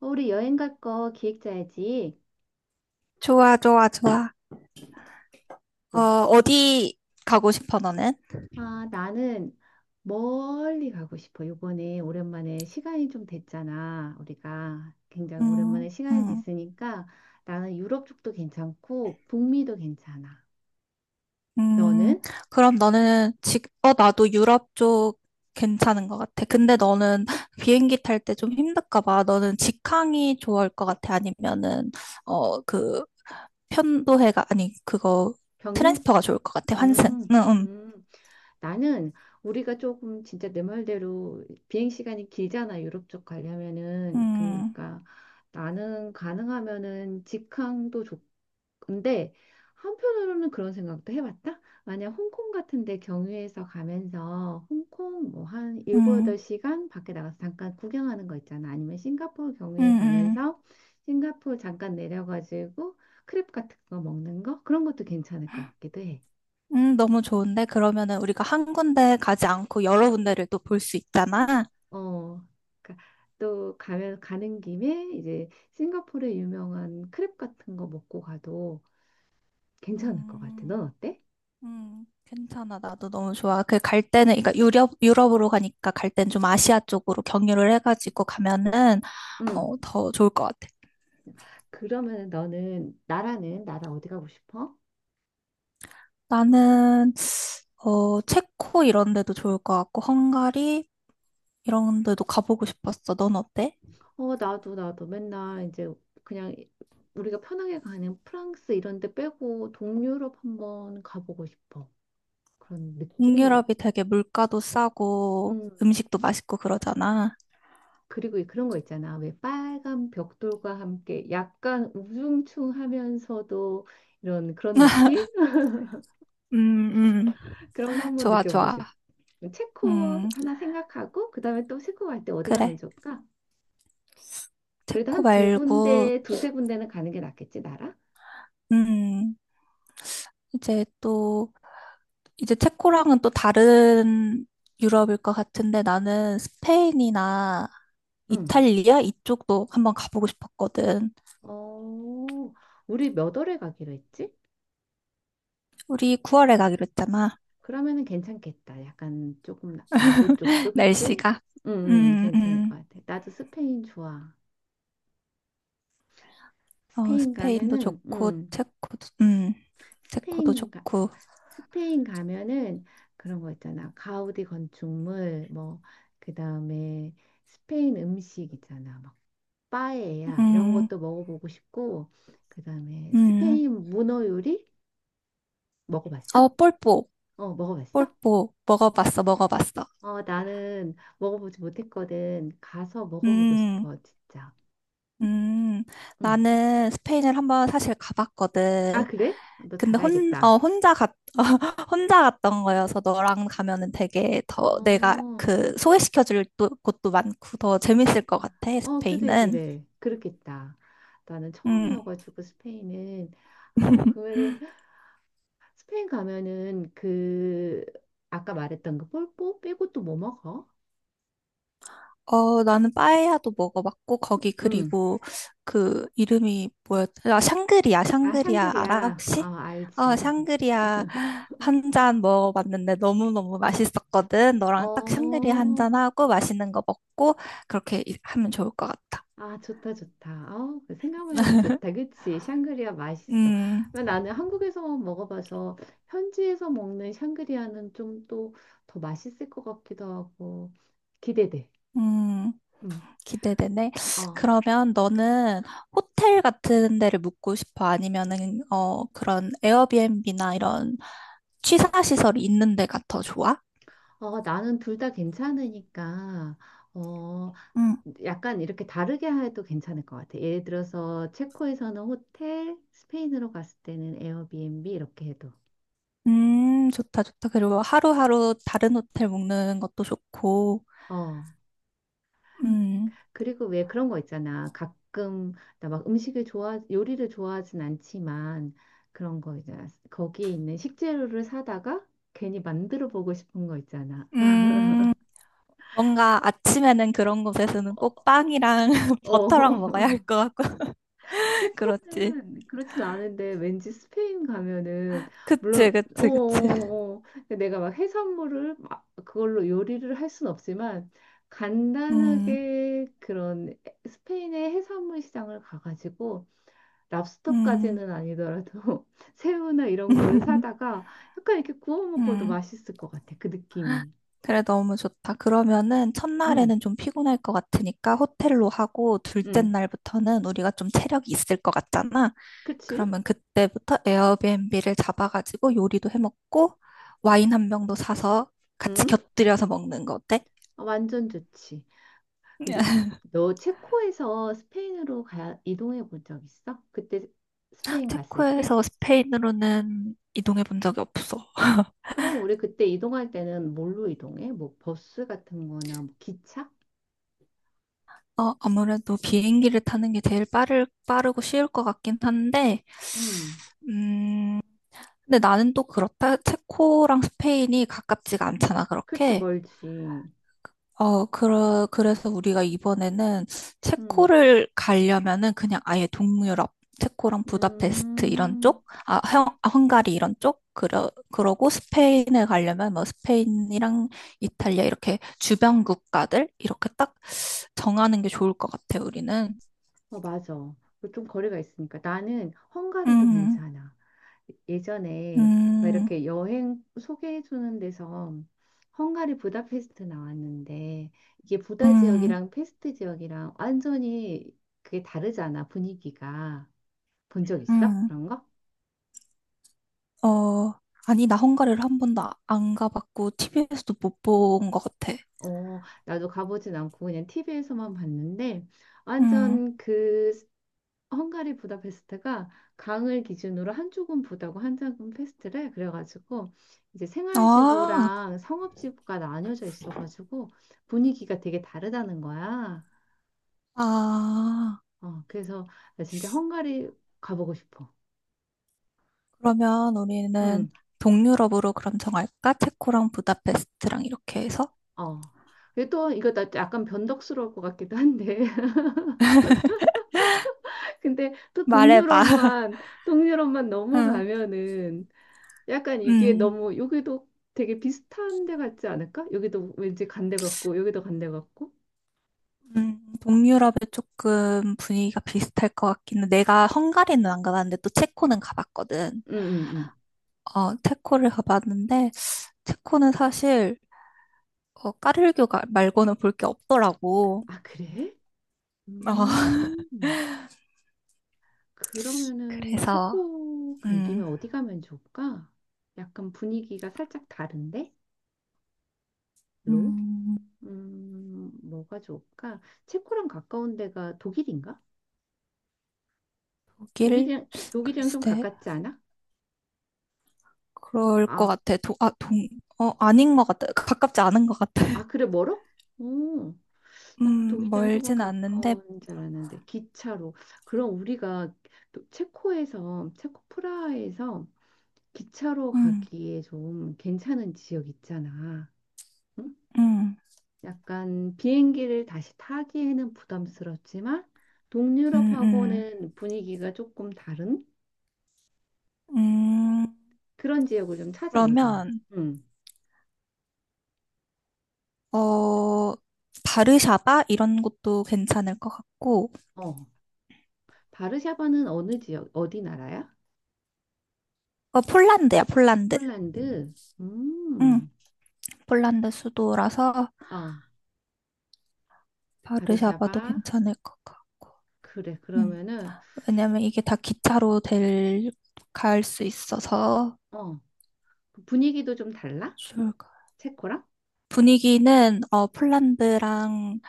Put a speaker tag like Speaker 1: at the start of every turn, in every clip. Speaker 1: 우리 여행 갈거 기획 짜야지.
Speaker 2: 좋아, 좋아, 좋아.
Speaker 1: 또
Speaker 2: 어,
Speaker 1: 혹시,
Speaker 2: 어디 가고 싶어, 너는?
Speaker 1: 아, 나는 멀리 가고 싶어. 요번에 오랜만에 시간이 좀 됐잖아. 우리가 굉장히
Speaker 2: 음,
Speaker 1: 오랜만에 시간이
Speaker 2: 음,
Speaker 1: 됐으니까 나는 유럽 쪽도 괜찮고 북미도 괜찮아.
Speaker 2: 음.
Speaker 1: 너는?
Speaker 2: 그럼 너는 지금, 나도 유럽 쪽 괜찮은 것 같아. 근데 너는 비행기 탈 때 좀 힘들까 봐. 너는 직항이 좋을 것 같아. 아니면은, 어, 그, 편도해가, 아니, 그거,
Speaker 1: 경유?
Speaker 2: 트랜스퍼가 좋을 것 같아. 환승.
Speaker 1: 음,
Speaker 2: 응, 응.
Speaker 1: 음. 나는 우리가 조금 진짜 내 말대로 비행 시간이 길잖아. 유럽 쪽 가려면은.
Speaker 2: 음,
Speaker 1: 그러니까 나는 가능하면은 직항도 좋고 근데 한편으로는 그런 생각도 해봤다. 만약 홍콩 같은 데 경유해서 가면서 홍콩 뭐 한 일곱
Speaker 2: 음,
Speaker 1: 여덟 시간 밖에 나가서 잠깐 구경하는 거 있잖아. 아니면 싱가포르
Speaker 2: 음,
Speaker 1: 경유해
Speaker 2: 음.
Speaker 1: 가면서 싱가포르 잠깐 내려가지고 크랩 같은 거 먹는 거? 그런 것도 괜찮을 것 같기도 해.
Speaker 2: 너무 좋은데? 그러면은 우리가 한 군데 가지 않고 여러 군데를 또 볼 수 있잖아.
Speaker 1: 어. 그러니까 또 가면 가는 김에 이제 싱가포르의 유명한 크랩 같은 거 먹고 가도 괜찮을 것 같아.
Speaker 2: 음,
Speaker 1: 넌 어때?
Speaker 2: 괜찮아. 나도 너무 좋아. 그 갈 때는, 그러니까 유럽으로 가니까 갈 땐 좀 아시아 쪽으로 경유를 해가지고 가면은,
Speaker 1: 응.
Speaker 2: 더 좋을 것 같아.
Speaker 1: 그러면은 너는 나라는 나라 어디 가고 싶어?
Speaker 2: 나는, 체코 이런 데도 좋을 것 같고, 헝가리 이런 데도 가보고 싶었어. 넌 어때?
Speaker 1: 어 나도 맨날 이제 그냥 우리가 편하게 가는 프랑스 이런 데 빼고 동유럽 한번 가보고 싶어. 그런 느낌이.
Speaker 2: 동유럽이 되게 물가도 싸고,
Speaker 1: 음.
Speaker 2: 음식도 맛있고 그러잖아.
Speaker 1: 그리고 그런 거 있잖아. 왜 빨간 벽돌과 함께 약간 우중충하면서도 이런 그런 느낌?
Speaker 2: 음, 음.
Speaker 1: 그런 거 한번
Speaker 2: 좋아,
Speaker 1: 느껴보고
Speaker 2: 좋아.
Speaker 1: 싶어. 체코
Speaker 2: 음,
Speaker 1: 하나 생각하고 그다음에 또 체코 갈 때 어디 가면
Speaker 2: 그래.
Speaker 1: 좋을까? 그래도
Speaker 2: 체코
Speaker 1: 한 두
Speaker 2: 말고,
Speaker 1: 군데, 두세 군데는 가는 게 낫겠지, 나라?
Speaker 2: 음, 이제 또, 이제 체코랑은 또 다른 유럽일 것 같은데 나는 스페인이나
Speaker 1: 응.
Speaker 2: 이탈리아 이쪽도 한번 가보고 싶었거든.
Speaker 1: 어, 우리 몇 월에 가기로 했지?
Speaker 2: 우리 9월에 가기로 했잖아.
Speaker 1: 그러면은 괜찮겠다. 약간 조금 남부 쪽도 그치?
Speaker 2: 날씨가.
Speaker 1: 응, 응,
Speaker 2: 음,
Speaker 1: 괜찮을 것
Speaker 2: 음.
Speaker 1: 같아. 나도 스페인 좋아.
Speaker 2: 어,
Speaker 1: 스페인
Speaker 2: 스페인도
Speaker 1: 가면은,
Speaker 2: 좋고,
Speaker 1: 응,
Speaker 2: 체코도, 체코도
Speaker 1: 스페인 가,
Speaker 2: 좋고,
Speaker 1: 스페인 가면은 그런 거 있잖아. 가우디 건축물, 뭐, 그 다음에 스페인 음식 있잖아. 막, 빠에야, 이런
Speaker 2: 음,
Speaker 1: 것도 먹어보고 싶고, 그 다음에
Speaker 2: 음.
Speaker 1: 스페인 문어 요리? 먹어봤어?
Speaker 2: 어, 폴포,
Speaker 1: 어, 먹어봤어?
Speaker 2: 폴포, 먹어봤어, 먹어봤어.
Speaker 1: 어, 나는 먹어보지 못했거든. 가서 먹어보고
Speaker 2: 음.
Speaker 1: 싶어, 진짜.
Speaker 2: 음,
Speaker 1: 응.
Speaker 2: 나는 스페인을 한번 사실
Speaker 1: 아,
Speaker 2: 가봤거든.
Speaker 1: 그래? 아, 너
Speaker 2: 근데
Speaker 1: 잘 알겠다.
Speaker 2: 혼자 혼자 갔던 거여서 너랑 가면은 되게 더 내가
Speaker 1: 어,
Speaker 2: 그 곳도 많고 더 재밌을 것 같아,
Speaker 1: 어, 그래,
Speaker 2: 스페인은.
Speaker 1: 그래. 그렇겠다. 나는
Speaker 2: 음.
Speaker 1: 처음이어가지고 스페인은, 아, 그러면은, 스페인 가면은 그, 아까 말했던 그 폴포 빼고 또 뭐 먹어?
Speaker 2: 어, 나는 빠에야도 먹어봤고, 거기
Speaker 1: 응.
Speaker 2: 그리고 그 이름이 뭐였더라? 아, 샹그리아,
Speaker 1: 아,
Speaker 2: 샹그리아 알아,
Speaker 1: 샹그리아.
Speaker 2: 혹시?
Speaker 1: 아,
Speaker 2: 어,
Speaker 1: 알지.
Speaker 2: 샹그리아 한 잔 먹어봤는데 너무너무 맛있었거든. 너랑 딱 샹그리아 한
Speaker 1: 어,
Speaker 2: 잔하고 맛있는 거 먹고, 그렇게 하면 좋을 것 같다.
Speaker 1: 아, 좋다, 좋다. 어, 그 생각만 해도 좋다. 그치? 샹그리아 맛있어.
Speaker 2: 음,
Speaker 1: 나는 한국에서 먹어봐서 현지에서 먹는 샹그리아는 좀 또 더 맛있을 것 같기도 하고 기대돼.
Speaker 2: 음,
Speaker 1: 음.
Speaker 2: 기대되네.
Speaker 1: 어.
Speaker 2: 그러면 너는 호텔 같은 데를 묵고 싶어? 아니면은, 그런 에어비앤비나 이런 취사시설이 있는 데가 더 좋아?
Speaker 1: 어, 나는 둘 다 괜찮으니까 어,
Speaker 2: 음,
Speaker 1: 약간 이렇게 다르게 해도 괜찮을 것 같아. 예를 들어서 체코에서는 호텔, 스페인으로 갔을 때는 에어비앤비 이렇게 해도.
Speaker 2: 좋다, 좋다. 그리고 하루하루 다른 호텔 먹는 것도 좋고,
Speaker 1: 어.
Speaker 2: 음,
Speaker 1: 그리고 왜 그런 거 있잖아. 가끔 나 막 음식을 좋아, 요리를 좋아하진 않지만 그런 거 있잖아. 거기에 있는 식재료를 사다가 괜히 만들어 보고 싶은 거 있잖아.
Speaker 2: 음, 뭔가 아침에는 그런 곳에서는 꼭 빵이랑 버터랑 먹어야 할
Speaker 1: 어,
Speaker 2: 것 같고, 그렇지.
Speaker 1: 체코는 그렇진 않은데 왠지 스페인 가면은
Speaker 2: 그치,
Speaker 1: 물론
Speaker 2: 그치, 그치.
Speaker 1: 근데 내가 막 해산물을 막 그걸로 요리를 할 순 없지만
Speaker 2: 음,
Speaker 1: 간단하게 그런 스페인의 해산물 시장을 가가지고
Speaker 2: 음,
Speaker 1: 랍스터까지는 아니더라도 새우나 이런 거를 사다가 약간 이렇게 구워 먹어도
Speaker 2: 음.
Speaker 1: 맛있을 것 같아. 그 느낌이.
Speaker 2: 그래, 너무 좋다. 그러면은
Speaker 1: 응,
Speaker 2: 첫날에는 좀 피곤할 것 같으니까 호텔로 하고 둘째
Speaker 1: 응.
Speaker 2: 날부터는 우리가 좀 체력이 있을 것 같잖아.
Speaker 1: 그치?
Speaker 2: 그러면 그때부터 에어비앤비를 잡아가지고 요리도 해 먹고 와인 한 병도 사서 같이
Speaker 1: 응?
Speaker 2: 곁들여서 먹는 거 어때?
Speaker 1: 어, 완전 좋지. 근데 너 체코에서 스페인으로 이동해 본 적 있어? 그때 스페인 갔을 때?
Speaker 2: 체코에서 스페인으로는 이동해 본 적이 없어.
Speaker 1: 그럼 우리 그때 이동할 때는 뭘로 이동해? 뭐 버스 같은 거나 뭐 기차?
Speaker 2: 어, 아무래도 비행기를 타는 게 제일 빠르고 쉬울 것 같긴 한데,
Speaker 1: 응.
Speaker 2: 음, 근데 나는 또 그렇다. 체코랑 스페인이 가깝지가 않잖아,
Speaker 1: 그치,
Speaker 2: 그렇게.
Speaker 1: 멀지.
Speaker 2: 그래서 우리가 이번에는
Speaker 1: 응.
Speaker 2: 체코를 가려면은 그냥 아예 동유럽, 체코랑 부다페스트 이런
Speaker 1: 음.
Speaker 2: 쪽, 아, 헝가리 이런 쪽, 그러고 스페인에 가려면 뭐 스페인이랑 이탈리아 이렇게 주변 국가들 이렇게 딱 정하는 게 좋을 것 같아, 우리는.
Speaker 1: 어, 맞아. 그리고 좀 거리가 있으니까. 나는 헝가리도
Speaker 2: 음,
Speaker 1: 괜찮아. 예전에 왜
Speaker 2: 음,
Speaker 1: 이렇게 여행 소개해주는 데서 헝가리 부다페스트 나왔는데 이게 부다
Speaker 2: 음,
Speaker 1: 지역이랑 페스트 지역이랑 완전히 그게 다르잖아, 분위기가. 본 적 있어?
Speaker 2: 음.
Speaker 1: 그런 거?
Speaker 2: 어, 아니, 나 헝가리를 한 번도 안 가봤고, 티비에서도 못 본 것 같아.
Speaker 1: 어, 나도 가보진 않고 그냥 TV에서만 봤는데
Speaker 2: 음,
Speaker 1: 완전 그 헝가리 부다페스트가 강을 기준으로 한쪽은 부다고 한쪽은 페스트래. 그래가지고 이제
Speaker 2: 아,
Speaker 1: 생활지구랑 상업지구가 나뉘어져 있어가지고 분위기가 되게 다르다는 거야.
Speaker 2: 아,
Speaker 1: 어, 그래서 나 진짜 헝가리 가보고 싶어.
Speaker 2: 그러면 우리는
Speaker 1: 응,
Speaker 2: 동유럽으로 그럼 정할까? 체코랑 부다페스트랑 이렇게 해서?
Speaker 1: 어. 근데 또 이거 나 약간 변덕스러울 것 같기도 한데. 근데 또
Speaker 2: 말해봐.
Speaker 1: 동유럽만
Speaker 2: 응.
Speaker 1: 넘어가면은 약간 이게
Speaker 2: 음,
Speaker 1: 너무 여기도 되게 비슷한 데 같지 않을까? 여기도 왠지 간데 같고 여기도 간데 같고
Speaker 2: 동유럽에 조금 분위기가 비슷할 것 같기는. 내가 헝가리는 안 가봤는데 또 체코는 가봤거든.
Speaker 1: 음, 음, 음.
Speaker 2: 어, 체코를 가봤는데 체코는 사실 어, 까르르교 말고는 볼 게 없더라고.
Speaker 1: 아, 그래?
Speaker 2: 어,
Speaker 1: 음, 그러면은
Speaker 2: 그래서
Speaker 1: 체코 간 김에
Speaker 2: 음,
Speaker 1: 어디 가면 좋을까? 약간 분위기가 살짝 다른데? 로?
Speaker 2: 음,
Speaker 1: 뭐가 좋을까? 체코랑 가까운 데가 독일인가?
Speaker 2: 독일?
Speaker 1: 독일이랑 좀
Speaker 2: 글쎄.
Speaker 1: 가깝지 않아?
Speaker 2: 그럴 것
Speaker 1: 아,
Speaker 2: 같아. 어, 아닌 것 같아. 그 가깝지 않은 것 같아.
Speaker 1: 아, 그래, 멀어? 오, 나는 독일이랑 조금
Speaker 2: 멀진 않는데,
Speaker 1: 가까운 줄 알았는데, 기차로. 그럼 우리가 또 체코 프라하에서 기차로
Speaker 2: 음,
Speaker 1: 가기에 좀 괜찮은 지역 있잖아. 응?
Speaker 2: 음,
Speaker 1: 약간 비행기를 다시 타기에는 부담스럽지만
Speaker 2: 음, 음,
Speaker 1: 동유럽하고는 분위기가 조금 다른
Speaker 2: 음.
Speaker 1: 그런 지역을 좀 찾아보자.
Speaker 2: 그러면,
Speaker 1: 응.
Speaker 2: 어, 바르샤바? 이런 곳도 괜찮을 것 같고,
Speaker 1: 어. 바르샤바는 어느 지역, 어디 나라야?
Speaker 2: 어, 폴란드야, 폴란드.
Speaker 1: 폴란드.
Speaker 2: 음,
Speaker 1: 음.
Speaker 2: 폴란드 수도라서
Speaker 1: 어.
Speaker 2: 바르샤바도
Speaker 1: 바르샤바.
Speaker 2: 괜찮을 것 같고,
Speaker 1: 그래.
Speaker 2: 음.
Speaker 1: 그러면은
Speaker 2: 왜냐면 이게 다 갈 수 있어서
Speaker 1: 어. 분위기도 좀 달라?
Speaker 2: 좋을 것 같아요.
Speaker 1: 체코랑?
Speaker 2: 분위기는 어, 폴란드랑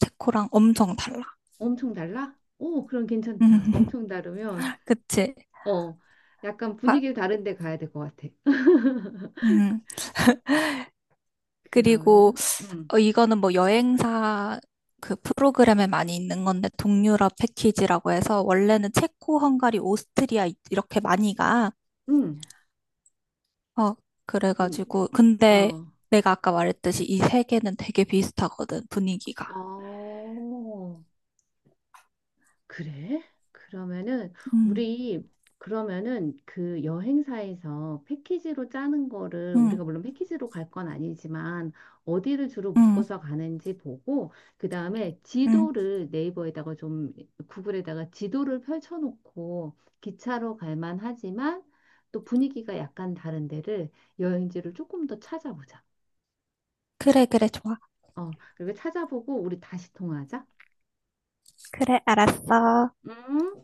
Speaker 2: 체코랑 엄청 달라.
Speaker 1: 엄청 달라? 오, 그럼 괜찮다.
Speaker 2: 음,
Speaker 1: 엄청 다르면
Speaker 2: 그치?
Speaker 1: 어, 약간
Speaker 2: 아,
Speaker 1: 분위기를 다른 데 가야 될 것 같아.
Speaker 2: 음. 그리고
Speaker 1: 그러면,
Speaker 2: 어, 이거는 뭐 여행사 그 프로그램에 많이 있는 건데 동유럽 패키지라고 해서 원래는 체코, 헝가리, 오스트리아 이렇게 많이 가.
Speaker 1: 음,
Speaker 2: 어,
Speaker 1: 음,
Speaker 2: 그래가지고 근데
Speaker 1: 어,
Speaker 2: 내가 아까 말했듯이 이 세 개는 되게 비슷하거든 분위기가.
Speaker 1: 어, 그래? 그러면은
Speaker 2: 음,
Speaker 1: 우리 그러면은 그 여행사에서 패키지로 짜는 거를
Speaker 2: 음,
Speaker 1: 우리가 물론 패키지로 갈 건 아니지만 어디를 주로
Speaker 2: 음.
Speaker 1: 묶어서 가는지 보고 그다음에
Speaker 2: 음.
Speaker 1: 지도를 네이버에다가 좀 구글에다가 지도를 펼쳐놓고 기차로 갈 만하지만 또 분위기가 약간 다른 데를 여행지를 조금 더 찾아보자.
Speaker 2: 그래, 그래, 좋아.
Speaker 1: 어, 그리고 찾아보고 우리 다시 통화하자.
Speaker 2: 그래, 알았어.
Speaker 1: 음.